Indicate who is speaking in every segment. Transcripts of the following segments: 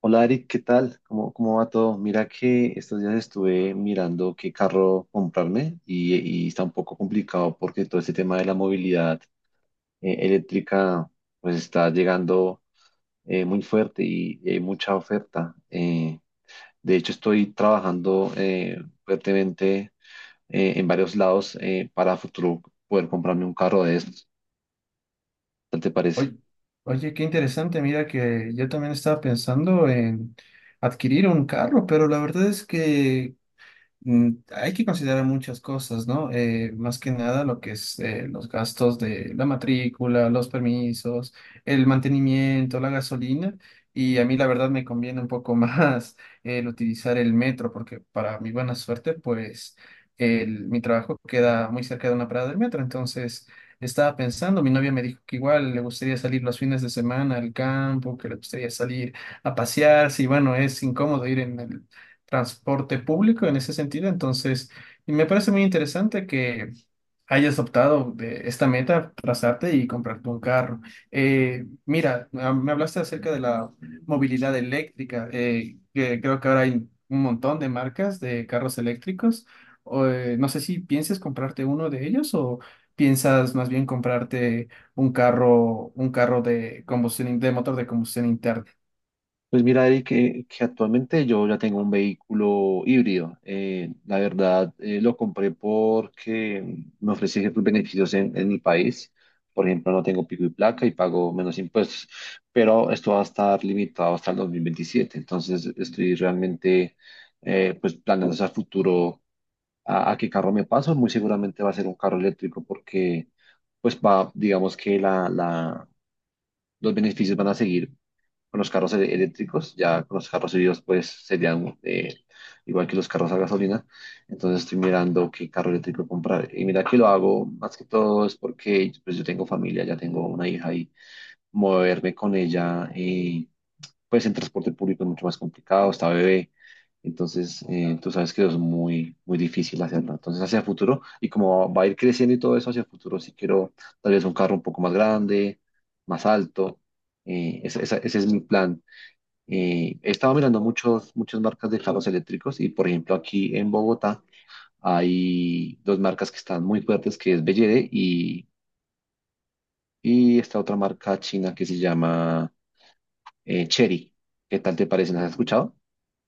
Speaker 1: Hola Eric, ¿qué tal? ¿Cómo va todo? Mira que estos días estuve mirando qué carro comprarme y está un poco complicado porque todo este tema de la movilidad eléctrica pues está llegando muy fuerte y hay mucha oferta. De hecho estoy trabajando fuertemente en varios lados para futuro poder comprarme un carro de estos. ¿Qué te parece?
Speaker 2: Oye, oye, qué interesante, mira que yo también estaba pensando en adquirir un carro, pero la verdad es que hay que considerar muchas cosas, ¿no? Más que nada lo que es los gastos de la matrícula, los permisos, el mantenimiento, la gasolina. Y a mí la verdad me conviene un poco más el utilizar el metro porque para mi buena suerte, pues mi trabajo queda muy cerca de una parada del metro. Entonces estaba pensando, mi novia me dijo que igual le gustaría salir los fines de semana al campo, que le gustaría salir a pasear. Sí, bueno, es incómodo ir en el transporte público en ese sentido. Entonces, y me parece muy interesante que hayas optado de esta meta, trazarte y comprarte un carro. Mira, me hablaste acerca de la movilidad eléctrica, que creo que ahora hay un montón de marcas de carros eléctricos. O, no sé si piensas comprarte uno de ellos o piensas más bien comprarte un carro de combustión, de motor de combustión interna.
Speaker 1: Pues mira, Eric, que actualmente yo ya tengo un vehículo híbrido. La verdad, lo compré porque me ofrece ciertos beneficios en mi país. Por ejemplo, no tengo pico y placa y pago menos impuestos, pero esto va a estar limitado hasta el 2027. Entonces, estoy realmente pues planeando hacia futuro a qué carro me paso. Muy seguramente va a ser un carro eléctrico porque pues va, digamos que la los beneficios van a seguir con los carros eléctricos, ya con los carros híbridos pues serían igual que los carros a gasolina, entonces estoy mirando qué carro eléctrico comprar. Y mira que lo hago más que todo es porque pues yo tengo familia, ya tengo una hija y moverme con ella. Pues en transporte público es mucho más complicado, está bebé, entonces tú sabes que eso es muy, muy difícil hacerlo. Entonces hacia el futuro, y como va a ir creciendo y todo eso, hacia el futuro sí quiero tal vez un carro un poco más grande, más alto, ese es mi plan. He estado mirando muchas marcas de carros eléctricos y por ejemplo aquí en Bogotá hay dos marcas que están muy fuertes, que es BYD y, D y esta otra marca china que se llama Chery. ¿Qué tal te parecen? ¿Has escuchado?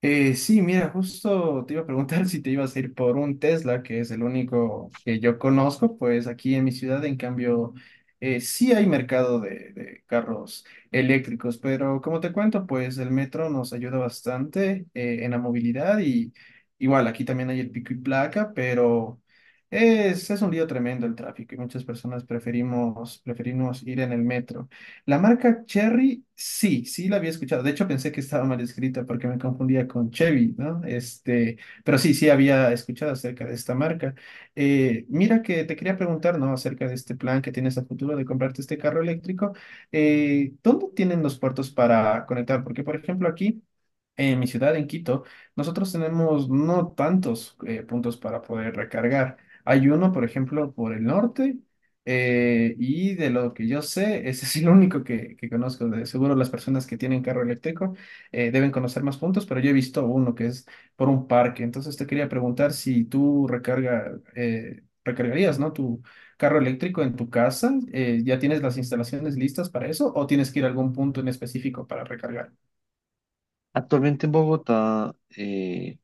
Speaker 2: Sí, mira, justo te iba a preguntar si te ibas a ir por un Tesla, que es el único que yo conozco, pues aquí en mi ciudad, en cambio, sí hay mercado de carros eléctricos, pero como te cuento, pues el metro nos ayuda bastante en la movilidad y igual aquí también hay el pico y placa, pero es un lío tremendo el tráfico y muchas personas preferimos ir en el metro. La marca Cherry, sí, sí la había escuchado. De hecho, pensé que estaba mal escrita porque me confundía con Chevy, ¿no? Este, pero sí, sí había escuchado acerca de esta marca. Mira que te quería preguntar, ¿no? Acerca de este plan que tienes a futuro de comprarte este carro eléctrico. ¿Dónde tienen los puertos para conectar? Porque, por ejemplo, aquí en mi ciudad, en Quito, nosotros tenemos no tantos puntos para poder recargar. Hay uno, por ejemplo, por el norte, y de lo que yo sé, ese es el único que conozco. De seguro las personas que tienen carro eléctrico deben conocer más puntos, pero yo he visto uno que es por un parque. Entonces te quería preguntar si tú recargarías, ¿no? Tu carro eléctrico en tu casa. ¿Ya tienes las instalaciones listas para eso o tienes que ir a algún punto en específico para recargar?
Speaker 1: Actualmente en Bogotá,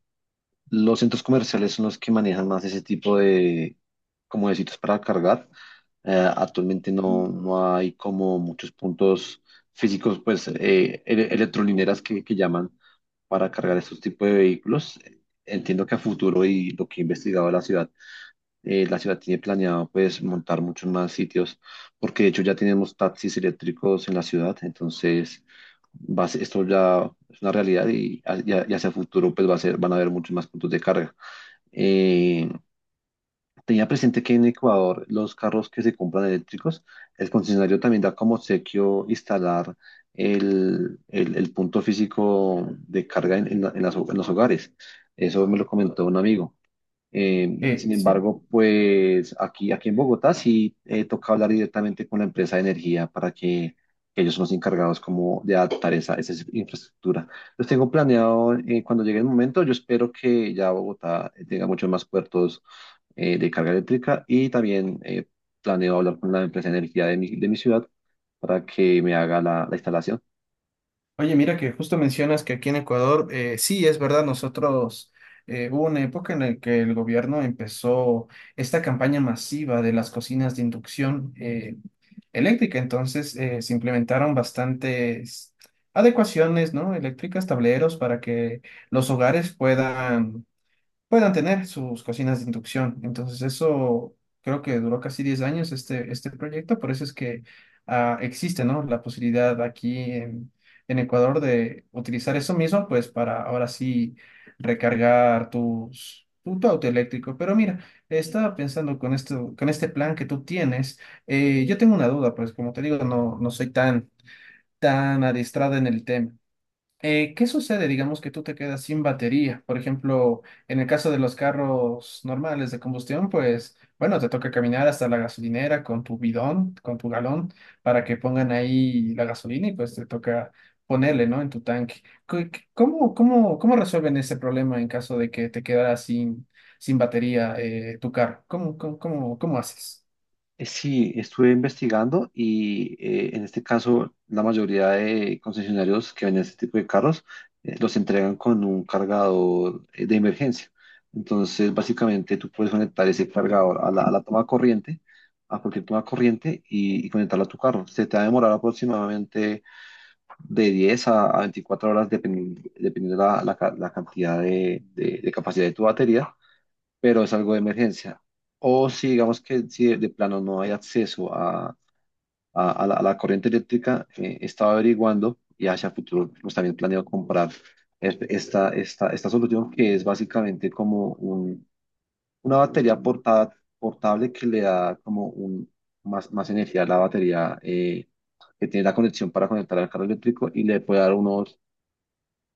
Speaker 1: los centros comerciales son los que manejan más ese tipo de, como de sitios para cargar. Actualmente no hay como muchos puntos físicos, pues electrolineras que llaman para cargar estos tipos de vehículos. Entiendo que a futuro y lo que he investigado de la ciudad tiene planeado pues montar muchos más sitios, porque de hecho ya tenemos taxis eléctricos en la ciudad, entonces esto ya es una realidad y hacia el futuro pues va a ser, van a haber muchos más puntos de carga. Eh, Tenía presente que en Ecuador los carros que se compran eléctricos, el concesionario también da como obsequio instalar el punto físico de carga en en los hogares. Eso me lo comentó un amigo. Sin
Speaker 2: Sí.
Speaker 1: embargo, pues aquí, aquí en Bogotá sí toca hablar directamente con la empresa de energía para que ellos son los encargados como de adaptar esa infraestructura. Los tengo planeado cuando llegue el momento. Yo espero que ya Bogotá tenga muchos más puertos de carga eléctrica y también planeo hablar con la empresa de energía de mi ciudad para que me haga la instalación.
Speaker 2: Oye, mira que justo mencionas que aquí en Ecuador, sí, es verdad, nosotros hubo una época en la que el gobierno empezó esta campaña masiva de las cocinas de inducción eléctrica, entonces se implementaron bastantes adecuaciones, ¿no? Eléctricas, tableros para que los hogares puedan tener sus cocinas de inducción. Entonces eso creo que duró casi 10 años este, este proyecto, por eso es que existe, ¿no? La posibilidad aquí en Ecuador de utilizar eso mismo, pues para ahora sí recargar tus... tu tu auto eléctrico, pero mira, estaba pensando con esto, con este plan que tú tienes, yo tengo una duda, pues como te digo, no, no soy tan adiestrada en el tema. ¿Qué sucede? Digamos que tú te quedas sin batería. Por ejemplo, en el caso de los carros normales de combustión, pues bueno, te toca caminar hasta la gasolinera con tu bidón, con tu galón, para que pongan ahí la gasolina y pues te toca ponerle, ¿no? En tu tanque. ¿Cómo resuelven ese problema en caso de que te quedaras sin batería tu carro? ¿Cómo haces?
Speaker 1: Sí, estuve investigando y en este caso la mayoría de concesionarios que venden este tipo de carros los entregan con un cargador de emergencia. Entonces, básicamente tú puedes conectar ese cargador a la toma de corriente, a cualquier toma de corriente y conectarlo a tu carro. Se te va a demorar aproximadamente de 10 a 24 horas dependiendo la cantidad de capacidad de tu batería, pero es algo de emergencia. O si digamos que si de plano no hay acceso a la corriente eléctrica. Estaba averiguando y hacia futuro pues, también planeo comprar esta solución que es básicamente una batería portable que le da como un, más energía a la batería que tiene la conexión para conectar al carro eléctrico y le puede dar unos,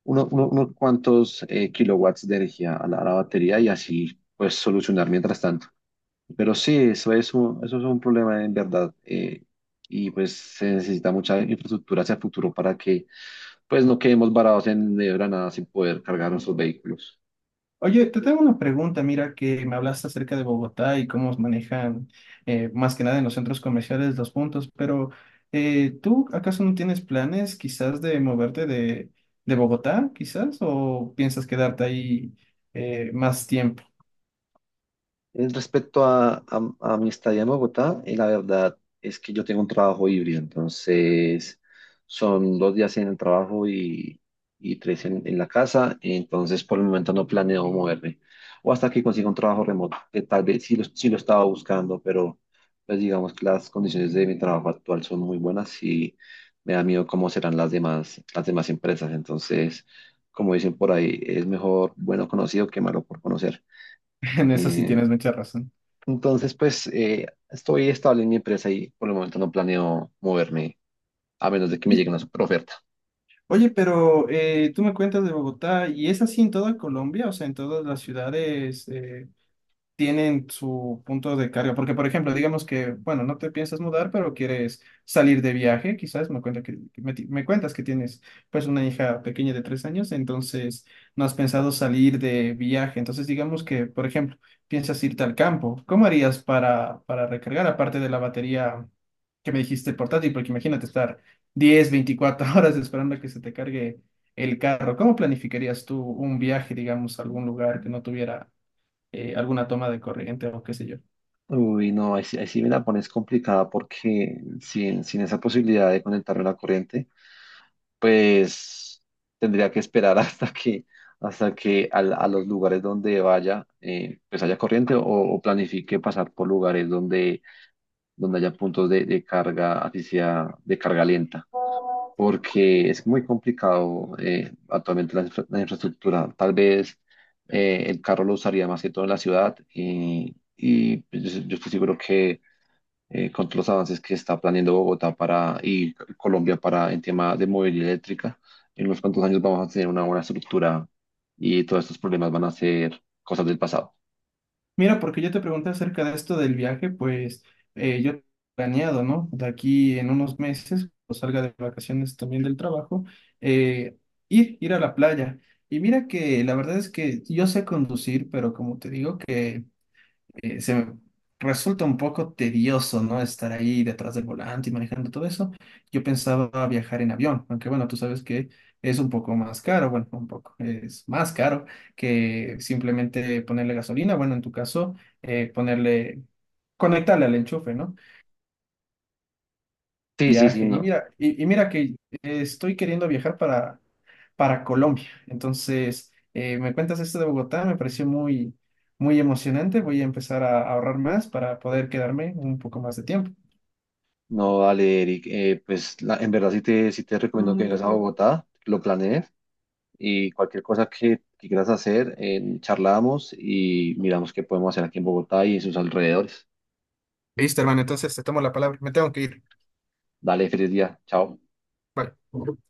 Speaker 1: unos cuantos kilowatts de energía a la batería y así pues solucionar mientras tanto. Pero sí, eso es un problema en verdad. Y pues se necesita mucha infraestructura hacia el futuro para que pues no quedemos varados en medio de la nada sin poder cargar nuestros vehículos.
Speaker 2: Oye, te tengo una pregunta, mira, que me hablaste acerca de Bogotá y cómo manejan más que nada en los centros comerciales los puntos, pero ¿tú acaso no tienes planes quizás de moverte de Bogotá, quizás, o piensas quedarte ahí más tiempo?
Speaker 1: Respecto a, a mi estadía en Bogotá, la verdad es que yo tengo un trabajo híbrido, entonces son dos días en el trabajo y tres en la casa, entonces por el momento no planeo moverme, o hasta que consiga un trabajo remoto, que tal vez sí lo estaba buscando, pero pues digamos que las condiciones de mi trabajo actual son muy buenas y me da miedo cómo serán las demás empresas, entonces como dicen por ahí, es mejor bueno conocido que malo por conocer.
Speaker 2: En eso sí
Speaker 1: Eh,
Speaker 2: tienes mucha razón.
Speaker 1: entonces, pues estoy estable en mi empresa y por el momento no planeo moverme a menos de que me
Speaker 2: Oye,
Speaker 1: llegue una superoferta.
Speaker 2: oye, pero tú me cuentas de Bogotá y es así en toda Colombia, o sea, en todas las ciudades, tienen su punto de carga. Porque, por ejemplo, digamos que, bueno, no te piensas mudar, pero quieres salir de viaje, quizás me cuentas que tienes pues una hija pequeña de 3 años, entonces no has pensado salir de viaje. Entonces, digamos que, por ejemplo, piensas irte al campo. ¿Cómo harías para recargar, aparte de la batería que me dijiste portátil? Porque imagínate estar 10 24 horas esperando a que se te cargue el carro. ¿Cómo planificarías tú un viaje, digamos, a algún lugar que no tuviera alguna toma de corriente o qué sé yo.
Speaker 1: Uy, no, ahí sí me la pones complicada porque sin esa posibilidad de conectarme a la corriente, pues tendría que esperar hasta hasta que los lugares donde vaya, pues haya corriente o planifique pasar por lugares donde haya puntos de carga, así sea de carga lenta, porque es muy complicado. Actualmente la, la infraestructura. Tal vez el carro lo usaría más que todo en la ciudad y, pues, yo estoy seguro que con todos los avances que está planeando Bogotá y Colombia para en tema de movilidad eléctrica, en unos cuantos años vamos a tener una buena estructura y todos estos problemas van a ser cosas del pasado.
Speaker 2: Mira, porque yo te pregunté acerca de esto del viaje, pues yo he planeado, ¿no? De aquí en unos meses, cuando salga de vacaciones también del trabajo, eh, ir a la playa. Y mira que la verdad es que yo sé conducir, pero como te digo que se me resulta un poco tedioso, ¿no? Estar ahí detrás del volante y manejando todo eso. Yo pensaba viajar en avión, aunque bueno, tú sabes que es un poco más caro, bueno, un poco, es más caro que simplemente ponerle gasolina, bueno, en tu caso, ponerle, conectarle al enchufe, ¿no?
Speaker 1: Sí, sí, sí,
Speaker 2: Viaje. Y
Speaker 1: no.
Speaker 2: mira, y mira que estoy queriendo viajar para Colombia. Entonces, me cuentas esto de Bogotá, me pareció muy, muy emocionante. Voy a empezar a ahorrar más para poder quedarme un poco más de tiempo.
Speaker 1: No, dale, Eric. Pues en verdad sí te recomiendo que vengas a Bogotá, lo planees y cualquier cosa que quieras hacer, charlamos y miramos qué podemos hacer aquí en Bogotá y en sus alrededores.
Speaker 2: Listo, hermano, entonces te tomo la palabra. Me tengo que ir.
Speaker 1: Dale, feliz día. Chao.
Speaker 2: Bye.